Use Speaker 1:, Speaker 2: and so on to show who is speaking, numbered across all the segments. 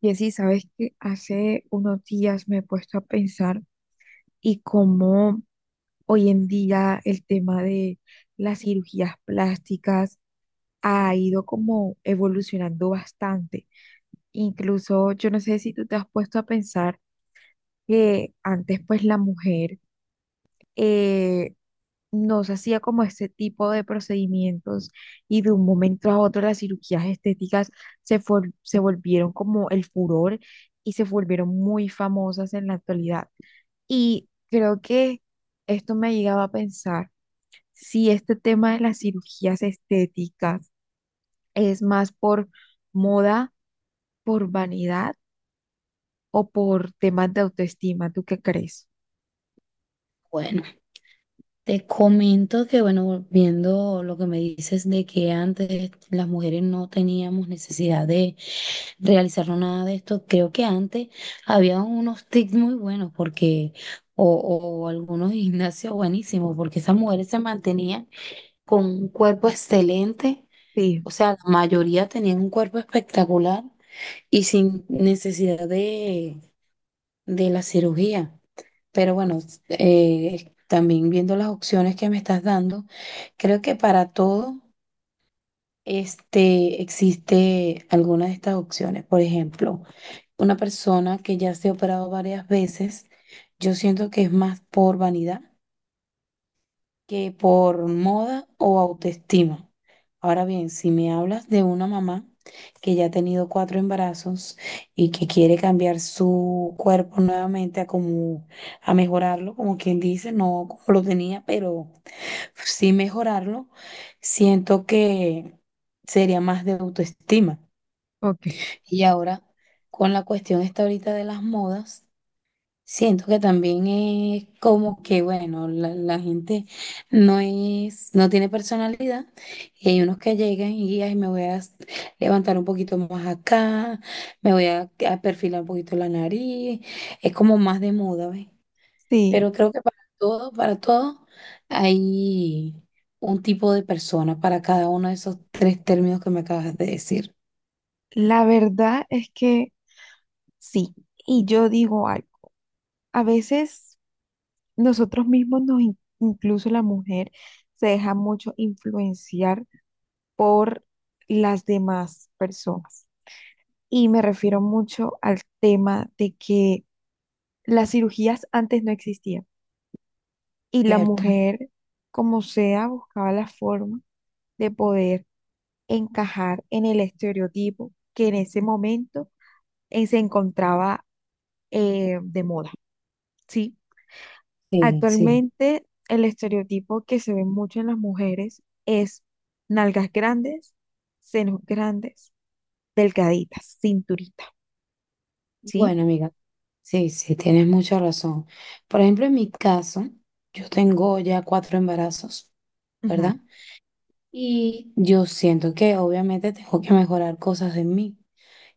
Speaker 1: Y así, sabes que hace unos días me he puesto a pensar y cómo hoy en día el tema de las cirugías plásticas ha ido como evolucionando bastante. Incluso yo no sé si tú te has puesto a pensar que antes pues la mujer, eh, no se hacía como este tipo de procedimientos y de un momento a otro las cirugías estéticas se volvieron como el furor y se volvieron muy famosas en la actualidad. Y creo que esto me ha llegado a pensar si este tema de las cirugías estéticas es más por moda, por vanidad o por temas de autoestima. ¿Tú qué crees?
Speaker 2: Bueno, te comento que, bueno, viendo lo que me dices de que antes las mujeres no teníamos necesidad de realizarnos nada de esto, creo que antes había unos tips muy buenos porque, o algunos gimnasios buenísimos, porque esas mujeres se mantenían con un cuerpo excelente,
Speaker 1: Sí,
Speaker 2: o sea, la mayoría tenían un cuerpo espectacular y sin necesidad de la cirugía. Pero bueno, también viendo las opciones que me estás dando, creo que para todo este, existe alguna de estas opciones. Por ejemplo, una persona que ya se ha operado varias veces, yo siento que es más por vanidad que por moda o autoestima. Ahora bien, si me hablas de una mamá que ya ha tenido cuatro embarazos y que quiere cambiar su cuerpo nuevamente a como a mejorarlo, como quien dice, no como lo tenía, pero sí mejorarlo, siento que sería más de autoestima.
Speaker 1: ok.
Speaker 2: Y ahora con la cuestión esta ahorita de las modas. Siento que también es como que, bueno, la gente no es, no tiene personalidad y hay unos que llegan y ay, me voy a s- levantar un poquito más acá, me voy a perfilar un poquito la nariz, es como más de moda, ¿ves?
Speaker 1: Sí,
Speaker 2: Pero creo que para todo hay un tipo de persona para cada uno de esos tres términos que me acabas de decir,
Speaker 1: la verdad es que sí. Y yo digo algo, a veces nosotros mismos nos, in- incluso la mujer, se deja mucho influenciar por las demás personas. Y me refiero mucho al tema de que las cirugías antes no existían. Y la
Speaker 2: ¿cierto?
Speaker 1: mujer, como sea, buscaba la forma de poder encajar en el estereotipo que en ese momento se encontraba de moda, ¿sí?
Speaker 2: Sí, sí.
Speaker 1: Actualmente, el estereotipo que se ve mucho en las mujeres es nalgas grandes, senos grandes, delgaditas, cinturita, ¿sí?
Speaker 2: Bueno, amiga, sí, sí, tienes mucha razón. Por ejemplo, en mi caso, yo tengo ya cuatro embarazos, ¿verdad?
Speaker 1: Ujú.
Speaker 2: Y yo siento que obviamente tengo que mejorar cosas en mí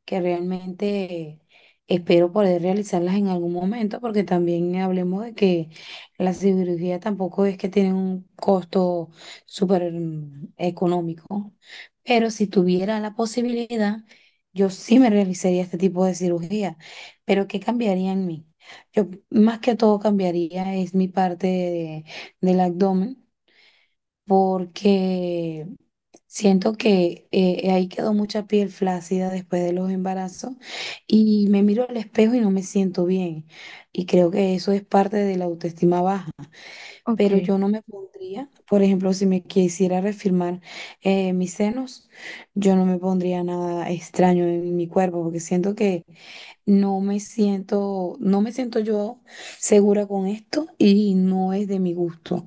Speaker 2: que realmente espero poder realizarlas en algún momento, porque también hablemos de que la cirugía tampoco es que tiene un costo súper económico, pero si tuviera la posibilidad, yo sí me realizaría este tipo de cirugía, pero ¿qué cambiaría en mí? Yo más que todo cambiaría es mi parte de- del abdomen, porque... Siento que ahí quedó mucha piel flácida después de los embarazos y me miro al espejo y no me siento bien. Y creo que eso es parte de la autoestima baja.
Speaker 1: Ok,
Speaker 2: Pero yo no me pondría, por ejemplo, si me quisiera reafirmar mis senos, yo no me pondría nada extraño en mi cuerpo porque siento que no me siento, no me siento yo segura con esto y no es de mi gusto.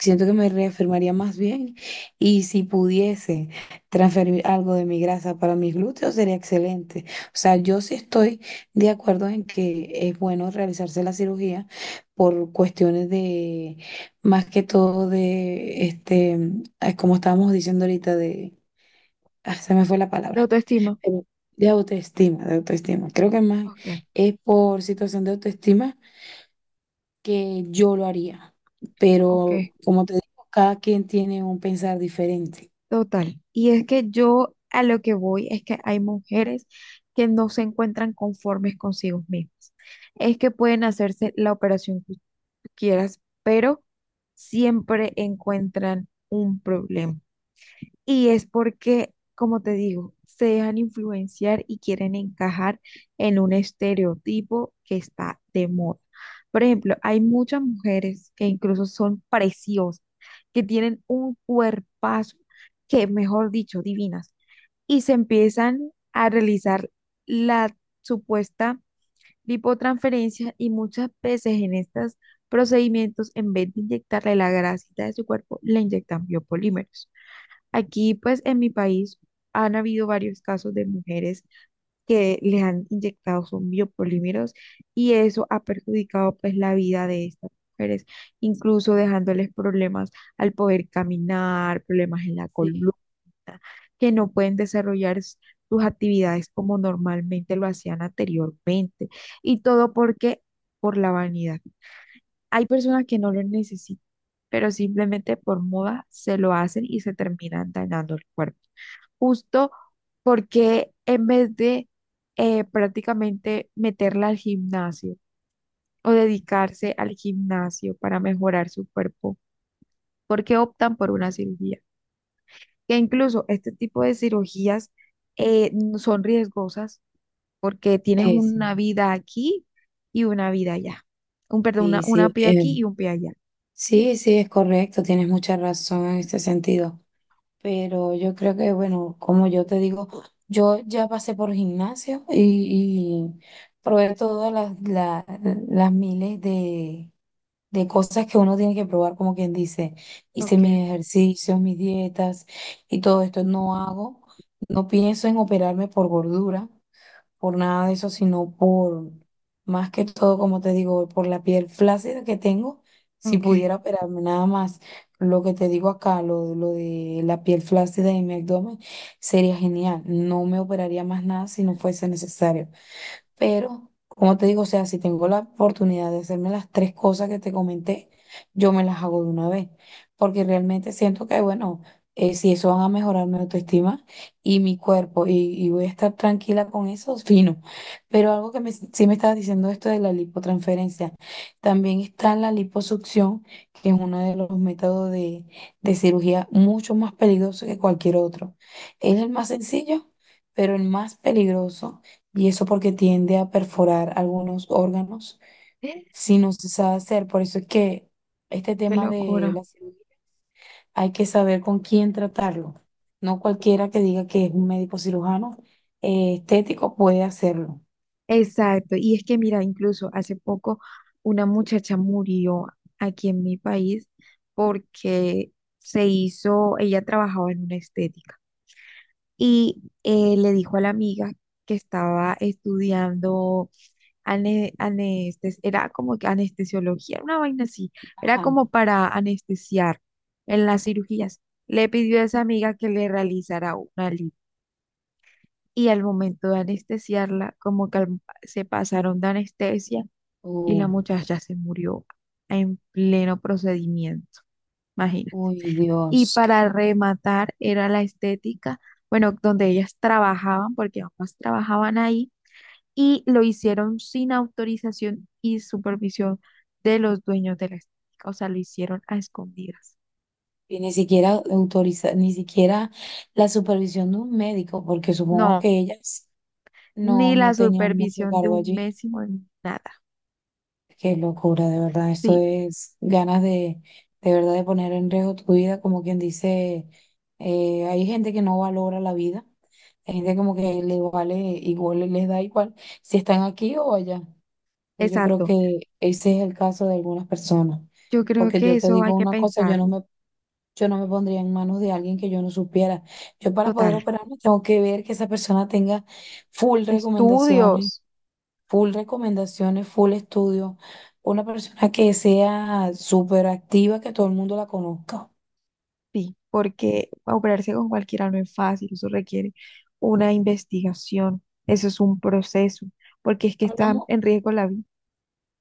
Speaker 2: Siento
Speaker 1: ok.
Speaker 2: que me reafirmaría más bien y si pudiese transferir algo de mi grasa para mis glúteos sería excelente. O sea, yo sí estoy de acuerdo en que es bueno realizarse la cirugía por cuestiones de, más que todo de, este, ay, como estábamos diciendo ahorita, de, ah, se me fue la
Speaker 1: De
Speaker 2: palabra
Speaker 1: autoestima.
Speaker 2: em, de autoestima, de autoestima. Creo que más
Speaker 1: Ok,
Speaker 2: es por situación de autoestima que yo lo haría.
Speaker 1: ok.
Speaker 2: Pero como te digo, cada quien tiene un pensar diferente.
Speaker 1: Total. Y es que yo a lo que voy es que hay mujeres que no se encuentran conformes consigo mismas. Es que pueden hacerse la operación que tú quieras, pero siempre encuentran un problema. Y es porque, como te digo, se dejan influenciar y quieren encajar en un estereotipo que está de moda. Por ejemplo, hay muchas mujeres que incluso son preciosas, que tienen un cuerpazo que, mejor dicho, divinas, y se empiezan a realizar la supuesta lipotransferencia y muchas veces en estos procedimientos, en vez de inyectarle la grasita de su cuerpo, le inyectan biopolímeros. Aquí, pues en mi país han habido varios casos de mujeres que les han inyectado son biopolímeros y eso ha perjudicado pues la vida de estas mujeres, incluso dejándoles problemas al poder caminar, problemas en la
Speaker 2: Sí,
Speaker 1: columna, que no pueden desarrollar sus actividades como normalmente lo hacían anteriormente y todo porque por la vanidad. Hay personas que no lo necesitan, pero simplemente por moda se lo hacen y se terminan dañando el cuerpo. Justo porque en vez de prácticamente meterla al gimnasio o dedicarse al gimnasio para mejorar su cuerpo, ¿porque optan por una cirugía? Que incluso este tipo de cirugías son riesgosas porque tienes
Speaker 2: sí, sí,
Speaker 1: una vida aquí y una vida allá. Perdón,
Speaker 2: sí,
Speaker 1: una
Speaker 2: sí,
Speaker 1: pie aquí y un pie allá.
Speaker 2: sí, sí, es correcto, tienes mucha razón en este sentido, pero yo creo que, bueno, como yo te digo, yo ya pasé por gimnasio y probé todas las, la- las miles de cosas que uno tiene que probar, como quien dice, hice
Speaker 1: Ok,
Speaker 2: mis ejercicios, mis dietas y todo esto. No hago, no pienso en operarme por gordura, por nada de eso, sino por, más que todo, como te digo, por la piel flácida que tengo, si
Speaker 1: ok.
Speaker 2: pudiera operarme nada más. Lo que te digo acá, lo de la piel flácida en mi abdomen, sería genial. No me operaría más nada si no fuese necesario. Pero, como te digo, o sea, si tengo la oportunidad de hacerme las tres cosas que te comenté, yo me las hago de una vez, porque realmente siento que, bueno, si eso van a mejorar mi autoestima y mi cuerpo y voy a estar tranquila con eso, fino. Pero algo que me, sí me estabas diciendo esto de la lipotransferencia, también está la liposucción, que es uno de los métodos de cirugía mucho más peligroso que cualquier otro. Es el más sencillo, pero el más peligroso y eso porque tiende a perforar algunos órganos
Speaker 1: Qué
Speaker 2: si no se sabe hacer. Por eso es que este tema de
Speaker 1: locura.
Speaker 2: la cirugía hay que saber con quién tratarlo. No cualquiera que diga que es un médico cirujano estético puede hacerlo.
Speaker 1: Exacto. Y es que, mira, incluso hace poco una muchacha murió aquí en mi país porque se hizo, ella trabajaba en una estética y le dijo a la amiga que estaba estudiando anestes, era como que anestesiología, una vaina así, era
Speaker 2: Ajá.
Speaker 1: como para anestesiar en las cirugías. Le pidió a esa amiga que le realizara una lipo. Y al momento de anestesiarla, como que se pasaron de anestesia y la
Speaker 2: Uh,
Speaker 1: muchacha se murió en pleno procedimiento, imagina.
Speaker 2: uy,
Speaker 1: Y
Speaker 2: Dios.
Speaker 1: para rematar era la estética, bueno, donde ellas trabajaban, porque ambas trabajaban ahí, y lo hicieron sin autorización y supervisión de los dueños de la estética, o sea, lo hicieron a escondidas.
Speaker 2: Y ni siquiera autoriza, ni siquiera la supervisión de un médico, porque supongo
Speaker 1: No,
Speaker 2: que ellas
Speaker 1: ni
Speaker 2: no,
Speaker 1: la
Speaker 2: no tenían mucho
Speaker 1: supervisión de
Speaker 2: cargo
Speaker 1: un
Speaker 2: allí.
Speaker 1: mésimo, ni nada.
Speaker 2: Qué locura, de verdad. Esto
Speaker 1: Sí,
Speaker 2: es ganas de verdad, de poner en riesgo tu vida. Como quien dice, hay gente que no valora la vida. Hay gente como que le vale igual, les da igual si están aquí o allá. Entonces, yo creo
Speaker 1: exacto.
Speaker 2: que ese es el caso de algunas personas.
Speaker 1: Yo creo
Speaker 2: Porque
Speaker 1: que
Speaker 2: yo te
Speaker 1: eso hay
Speaker 2: digo
Speaker 1: que
Speaker 2: una cosa,
Speaker 1: pensarlo.
Speaker 2: yo no me pondría en manos de alguien que yo no supiera. Yo para poder
Speaker 1: Total.
Speaker 2: operarme tengo que ver que esa persona tenga full recomendaciones
Speaker 1: Estudios,
Speaker 2: full recomendaciones, full estudio, una persona que sea súper activa, que todo el mundo la conozca.
Speaker 1: sí, porque operarse con cualquiera no es fácil, eso requiere una investigación, eso es un proceso, porque es que está
Speaker 2: Hablamos,
Speaker 1: en riesgo la vida.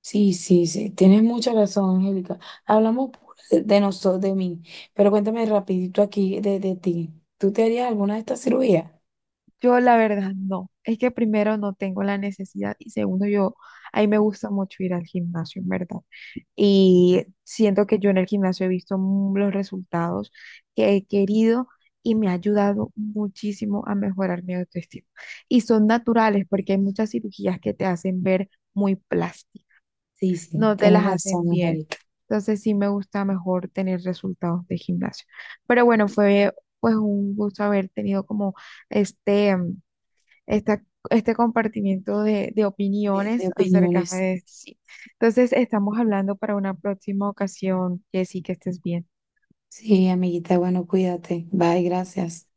Speaker 2: sí, sí, sí, tienes mucha razón, Angélica. Hablamos de nosotros, de mí, pero cuéntame rapidito aquí de ti. ¿Tú te harías alguna de estas cirugías?
Speaker 1: Yo la verdad no, es que primero no tengo la necesidad y segundo yo, a mí me gusta mucho ir al gimnasio, en verdad. Y siento que yo en el gimnasio he visto los resultados que he querido y me ha ayudado muchísimo a mejorar mi autoestima. Y son naturales
Speaker 2: Sí.
Speaker 1: porque hay muchas cirugías que te hacen ver muy plástica,
Speaker 2: Sí, sí,
Speaker 1: no te
Speaker 2: tienes
Speaker 1: las hacen
Speaker 2: razón,
Speaker 1: bien.
Speaker 2: Angélica,
Speaker 1: Entonces sí me gusta mejor tener resultados de gimnasio. Pero bueno, fue pues un gusto haber tenido como este mm, esta- este compartimiento de
Speaker 2: de
Speaker 1: opiniones acerca
Speaker 2: opiniones.
Speaker 1: de este sitio. Entonces, estamos hablando para una próxima ocasión, Jessy, que estés bien.
Speaker 2: Sí, amiguita, bueno, cuídate. Bye, gracias.